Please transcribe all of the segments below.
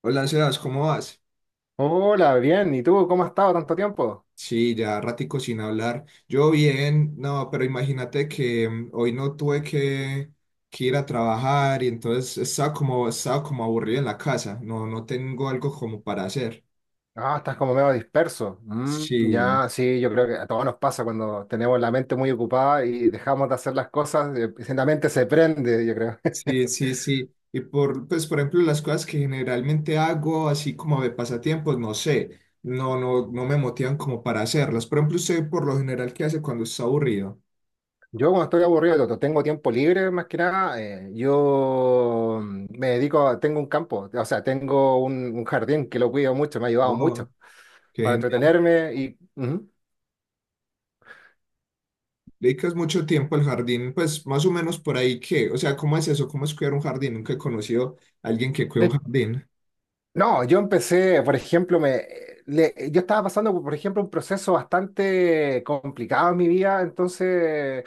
Hola, Sebas, ¿cómo vas? Hola, bien. ¿Y tú cómo has estado tanto tiempo? Sí, ya ratico sin hablar. Yo bien, no, pero imagínate que hoy no tuve que ir a trabajar y entonces estaba estaba como aburrido en la casa. No tengo algo como para hacer. Ah, estás como medio disperso. Mm, Sí, ya, sí, yo creo que a todos nos pasa cuando tenemos la mente muy ocupada y dejamos de hacer las cosas, la mente se prende, yo creo. sí, sí, sí. Y por ejemplo, las cosas que generalmente hago, así como de pasatiempos, no sé, no me motivan como para hacerlas. Por ejemplo, usted por lo general, ¿qué hace cuando está aburrido? Yo cuando estoy aburrido, cuando tengo tiempo libre, más que nada, yo me dedico, tengo un campo, o sea, tengo un jardín que lo cuido mucho, me ha ayudado Oh, mucho para qué. entretenerme y ujú. Dedicas mucho tiempo al jardín, pues más o menos por ahí que, o sea, ¿cómo es eso? ¿Cómo es cuidar un jardín? Nunca he conocido a alguien que cuida un jardín. No, yo empecé, por ejemplo, yo estaba pasando, por ejemplo, un proceso bastante complicado en mi vida, entonces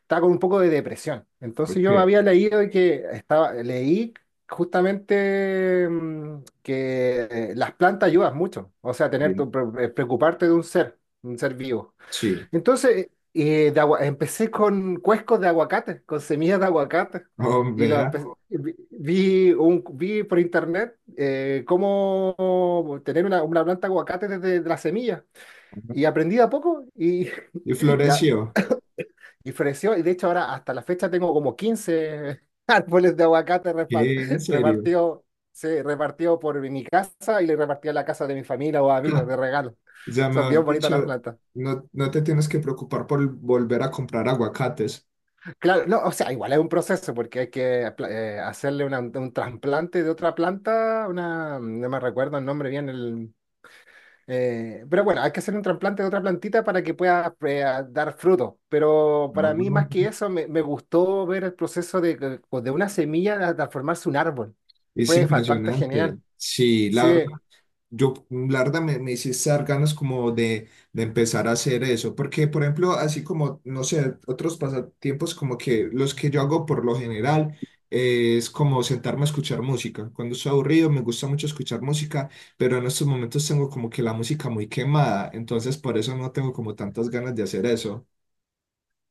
estaba con un poco de depresión. Entonces yo Ok, había leído de que estaba, leí justamente que las plantas ayudan mucho, o sea, tener sí, tu, preocuparte de un ser vivo. sí. Entonces, empecé con cuescos de aguacate, con semillas de aguacate. Oh, Y lo vea. empe- vi, vi un, vi por internet cómo tener una planta de aguacate desde la semilla. Ajá. Y aprendí de a poco y Y ya. floreció. Y floreció. Y de hecho ahora hasta la fecha tengo como 15 árboles de aguacate repa- ¿Qué? ¿En serio? repartido, sí, repartido por mi casa y le repartí a la casa de mi familia o amigos de regalo. O sea, Son mejor bien bonitas las dicho, plantas. no, no te tienes que preocupar por volver a comprar aguacates. Claro, no, o sea, igual es un proceso porque hay que hacerle un trasplante de otra planta, una, no me recuerdo el nombre bien, pero bueno, hay que hacer un trasplante de otra plantita para que pueda dar fruto. Pero Ah, para mí, bueno. más que eso, me gustó ver el proceso de una semilla a transformarse en un árbol. Es Fue bastante impresionante. genial. Sí, la verdad. Sí, Yo, la verdad, me hiciste dar ganas como de empezar a hacer eso, porque, por ejemplo, así como, no sé, otros pasatiempos como que los que yo hago por lo general es como sentarme a escuchar música. Cuando estoy aburrido, me gusta mucho escuchar música, pero en estos momentos tengo como que la música muy quemada, entonces por eso no tengo como tantas ganas de hacer eso.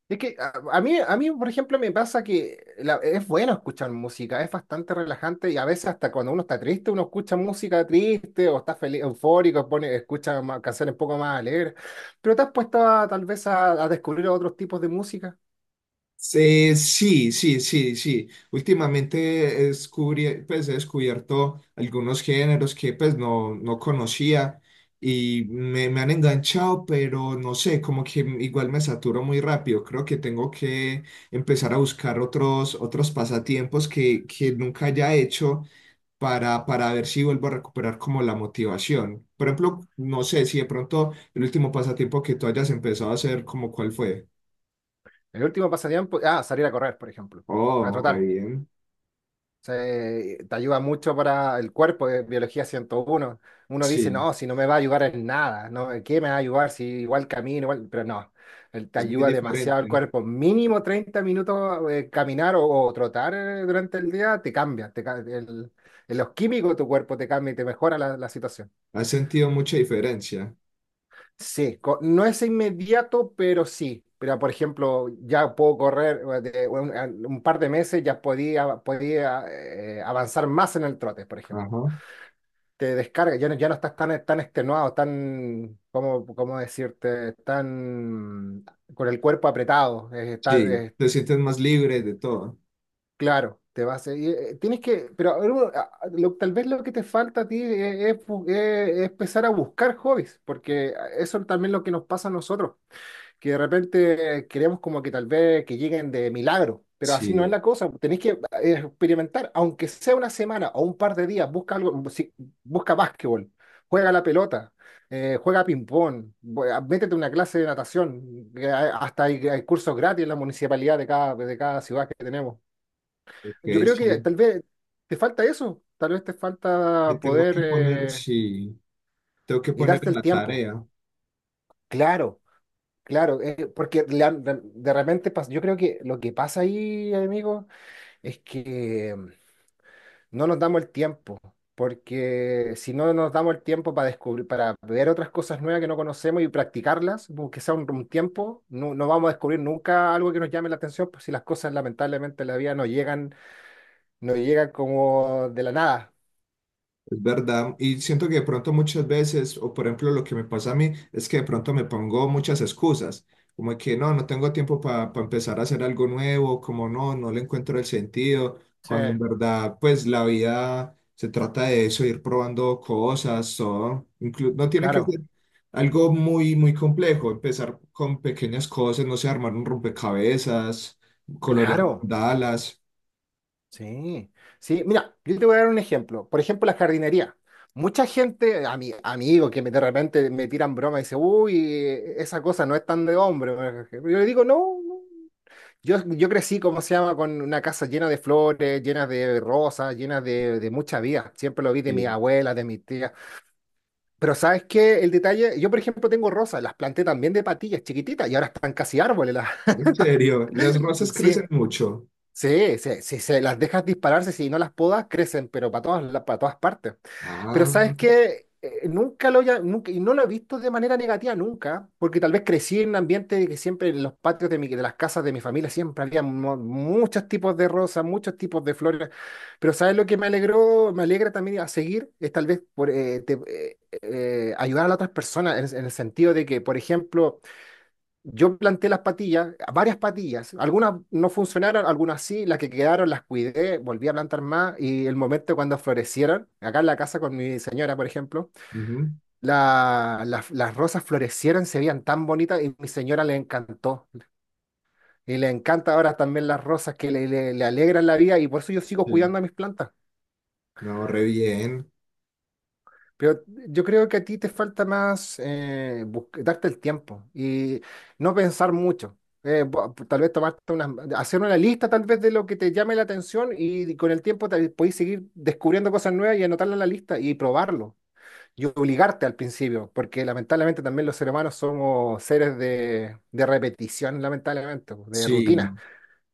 es que a mí, por ejemplo, me pasa es bueno escuchar música, es bastante relajante y a veces hasta cuando uno está triste, uno escucha música triste o está feliz, eufórico, pone, escucha canciones un poco más alegres. Pero te has puesto tal vez a descubrir otros tipos de música. Sí, sí, sí, sí. Últimamente descubrí, pues, he descubierto algunos géneros que pues no conocía y me han enganchado, pero no sé, como que igual me saturo muy rápido. Creo que tengo que empezar a buscar otros pasatiempos que nunca haya hecho para ver si vuelvo a recuperar como la motivación. Por ejemplo, no sé si de pronto el último pasatiempo que tú hayas empezado a hacer, como cuál fue. El último pasatiempo, salir a correr, por ejemplo, a Oh, re trotar. bien. Te ayuda mucho para el cuerpo, biología 101, uno dice, Sí. no, si no me va a ayudar en nada, ¿no? ¿en ¿Qué me va a ayudar si igual camino, igual? Pero no, te Es muy ayuda demasiado el diferente. cuerpo. Mínimo 30 minutos caminar o trotar durante el día te cambia, en los químicos de tu cuerpo te cambia y te mejora la situación. ¿Has sentido mucha diferencia? Sí, no es inmediato, pero sí. Pero, por ejemplo, ya puedo correr un par de meses, ya podía avanzar más en el trote, por ejemplo. Ajá. Te descarga, ya no estás tan extenuado, tan, ¿cómo decirte? Tan con el cuerpo apretado, Sí, te sientes más libre de todo. claro, te vas, tienes que, pero a bueno, tal vez lo que te falta a ti es empezar a buscar hobbies, porque eso también es lo que nos pasa a nosotros que de repente queremos como que tal vez que lleguen de milagro, pero así no es Sí, la cosa. Tenéis que experimentar, aunque sea una semana o un par de días, busca algo, busca básquetbol, juega la pelota, juega ping-pong, métete a una clase de natación, que hasta hay cursos gratis en la municipalidad de cada ciudad que tenemos. Yo ok, creo que sí. tal vez te falta eso, tal vez te Me falta tengo poder que poner, sí, tengo que y poner darte en el la tiempo. tarea. Claro. Claro, porque le han- de repente pas- yo creo que lo que pasa ahí, amigo, es que no nos damos el tiempo, porque si no nos damos el tiempo para descubrir, para ver otras cosas nuevas que no conocemos y practicarlas, aunque sea un tiempo, no, no vamos a descubrir nunca algo que nos llame la atención, pues si las cosas lamentablemente en la vida no llegan, no llegan como de la nada. Es verdad, y siento que de pronto muchas veces, o por ejemplo lo que me pasa a mí, es que de pronto me pongo muchas excusas, como que no tengo tiempo para empezar a hacer algo nuevo, como no le encuentro el sentido, Sí, cuando en verdad pues la vida se trata de eso, ir probando cosas, todo, inclu- no tiene que claro, ser algo muy complejo, empezar con pequeñas cosas, no sé, armar un rompecabezas, colorear claro. mandalas, Sí, sí, mira, yo te voy a dar un ejemplo. Por ejemplo, la jardinería. Mucha gente, a mi amigo de repente me tiran broma y dice, uy, esa cosa no es tan de hombre. Yo le digo, no, no". Yo crecí, ¿como se llama?, con una casa llena de flores, llena de rosas, llena de mucha vida. Siempre lo vi de mi sí. abuela, de mi tía. Pero ¿sabes qué? El detalle, yo por ejemplo tengo rosas, las planté también de patillas chiquititas y ahora están casi árboles. En serio, las rosas Sí, crecen mucho. sí, sí, si se las dejas dispararse, si no las podas, crecen, pero para todas, para todas partes. Pero Ah. sabes que nunca lo haya, nunca, y no lo he visto de manera negativa nunca, porque tal vez crecí en un ambiente de que siempre en los patios de las casas de mi familia siempre había muchos tipos de rosas, muchos tipos de flores. Pero sabes lo que me alegró, me alegra también a seguir, es tal vez ayudar a las otras personas en el sentido de que, por ejemplo, yo planté las patillas, varias patillas. Algunas no funcionaron, algunas sí. Las que quedaron las cuidé, volví a plantar más. Y el momento cuando florecieron, acá en la casa con mi señora, por ejemplo, Ujú. las rosas florecieron, se veían tan bonitas y mi señora le encantó. Y le encanta ahora también las rosas que le alegran la vida y por eso yo sigo Sí, cuidando a mis plantas. me ahorré bien. Pero yo creo que a ti te falta más darte el tiempo y no pensar mucho. Tal vez hacer una lista tal vez de lo que te llame la atención y con el tiempo podéis seguir descubriendo cosas nuevas y anotarlas en la lista y probarlo y obligarte al principio, porque lamentablemente también los seres humanos somos seres de repetición, lamentablemente, de Sí, rutina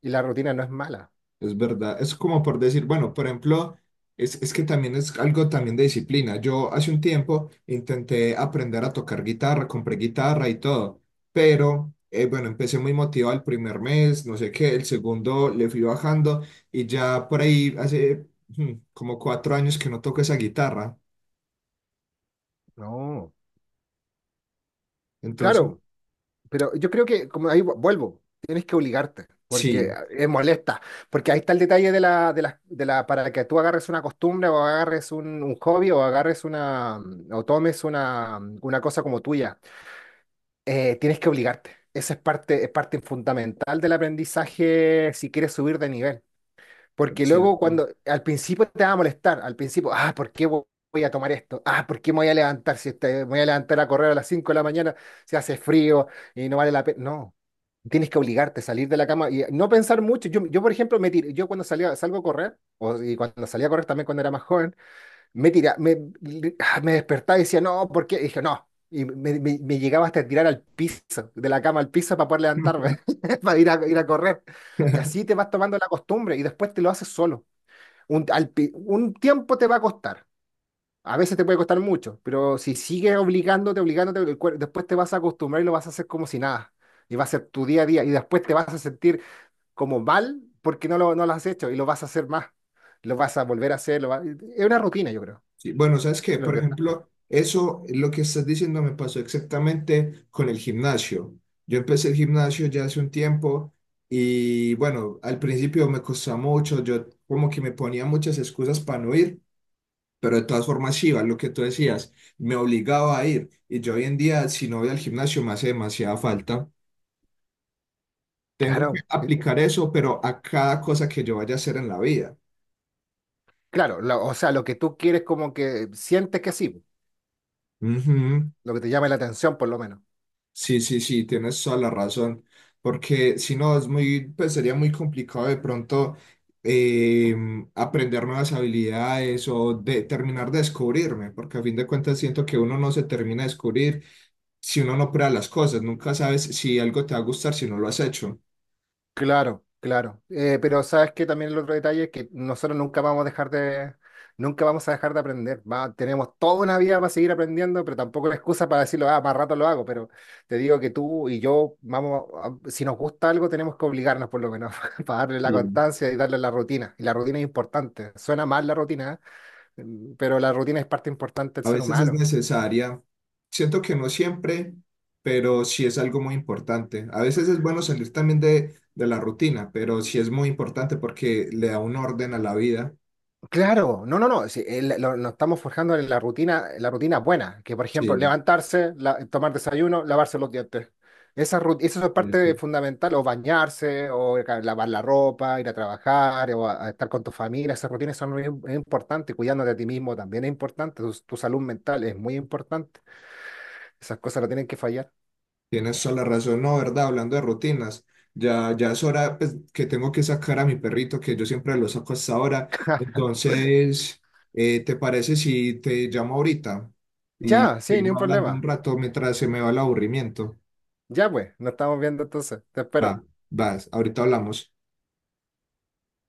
y la rutina no es mala. es verdad. Es como por decir, bueno, por ejemplo, es que también es algo también de disciplina. Yo hace un tiempo intenté aprender a tocar guitarra, compré guitarra y todo, pero bueno, empecé muy motivado el primer mes, no sé qué, el segundo le fui bajando y ya por ahí hace como cuatro años que no toco esa guitarra. No, Entonces, claro. Pero yo creo que, como ahí vuelvo, tienes que obligarte, porque sí, es molesta, porque ahí está el detalle para que tú agarres una costumbre o agarres un hobby o agarres una, o tomes una cosa como tuya. Tienes que obligarte. Esa es parte fundamental del aprendizaje si quieres subir de nivel. es Porque luego cierto. cuando al principio te va a molestar, al principio, ¿por qué voy a tomar esto? ¿Por qué me voy a levantar si este- me voy a levantar a correr a las 5 de la mañana, si hace frío y no vale la pena? No, tienes que obligarte a salir de la cama y no pensar mucho. Yo por ejemplo, me tiré, yo cuando salía, salgo a correr, y cuando salía a correr también cuando era más joven, me tira, me, me despertaba y decía, no, porque dije, no. Y me llegaba hasta tirar al piso, de la cama al piso para poder levantarme, para ir a correr. Y así te vas tomando la costumbre y después te lo haces solo. Un tiempo te va a costar. A veces te puede costar mucho, pero si sigues obligándote, obligándote, después te vas a acostumbrar y lo vas a hacer como si nada. Y va a ser tu día a día. Y después te vas a sentir como mal porque no lo has hecho y lo vas a hacer más. Lo vas a volver a hacer. Es una rutina, yo creo. Sí, bueno, ¿sabes qué? Lo Por que ejemplo, eso, lo que estás diciendo me pasó exactamente con el gimnasio. Yo empecé el gimnasio ya hace un tiempo y bueno, al principio me costó mucho, yo como que me ponía muchas excusas para no ir, pero de todas formas iba, lo que tú decías, me obligaba a ir y yo hoy en día si no voy al gimnasio me hace demasiada falta. Tengo que Claro, aplicar eso, pero a cada cosa que yo vaya a hacer en la vida. claro, o sea, lo que tú quieres como que sientes que sí, Ujú. lo que te llama la atención por lo menos. Sí, sí, sí, tienes toda la razón, porque si no, es muy, pues sería muy complicado de pronto eh, aprender nuevas habilidades o de, terminar de descubrirme, porque a fin de cuentas siento que uno no se termina de descubrir si uno no prueba las cosas, nunca sabes si algo te va a gustar si no lo has hecho. Claro, claro. Pero sabes que también el otro detalle es que nosotros nunca vamos a dejar de, nunca vamos a dejar de aprender. Tenemos toda una vida para seguir aprendiendo, pero tampoco es excusa para decirlo, más rato lo hago, pero te digo que tú y yo, vamos, si nos gusta algo tenemos que obligarnos por lo menos para darle la Sí. constancia y darle la rutina. Y la rutina es importante. Suena mal la rutina, ¿eh? Pero la rutina es parte importante del A ser veces es humano. necesaria, siento que no siempre, pero sí es algo muy importante. A veces es bueno salir también de la rutina, pero sí es muy importante porque le da un orden a la vida. Claro, no, no, no, sí, nos estamos forjando en la rutina buena, que por ejemplo, Sí, levantarse, tomar desayuno, lavarse los dientes. Esa es eso. parte fundamental, o bañarse, o lavar la ropa, ir a trabajar, o a estar con tu familia, esas rutinas es importante, cuidándote a ti mismo también es importante, tu salud mental es muy importante, esas cosas no tienen que fallar. Tienes toda la razón, no, ¿verdad? Hablando de rutinas, ya es hora pues, que tengo que sacar a mi perrito, que yo siempre lo saco hasta ahora. Entonces, ¿te parece si te llamo ahorita y Ya, sí, ni un seguimos hablando un problema. rato mientras se me va el aburrimiento? Ya pues, nos estamos viendo entonces, te espero. Va, vas, ahorita hablamos.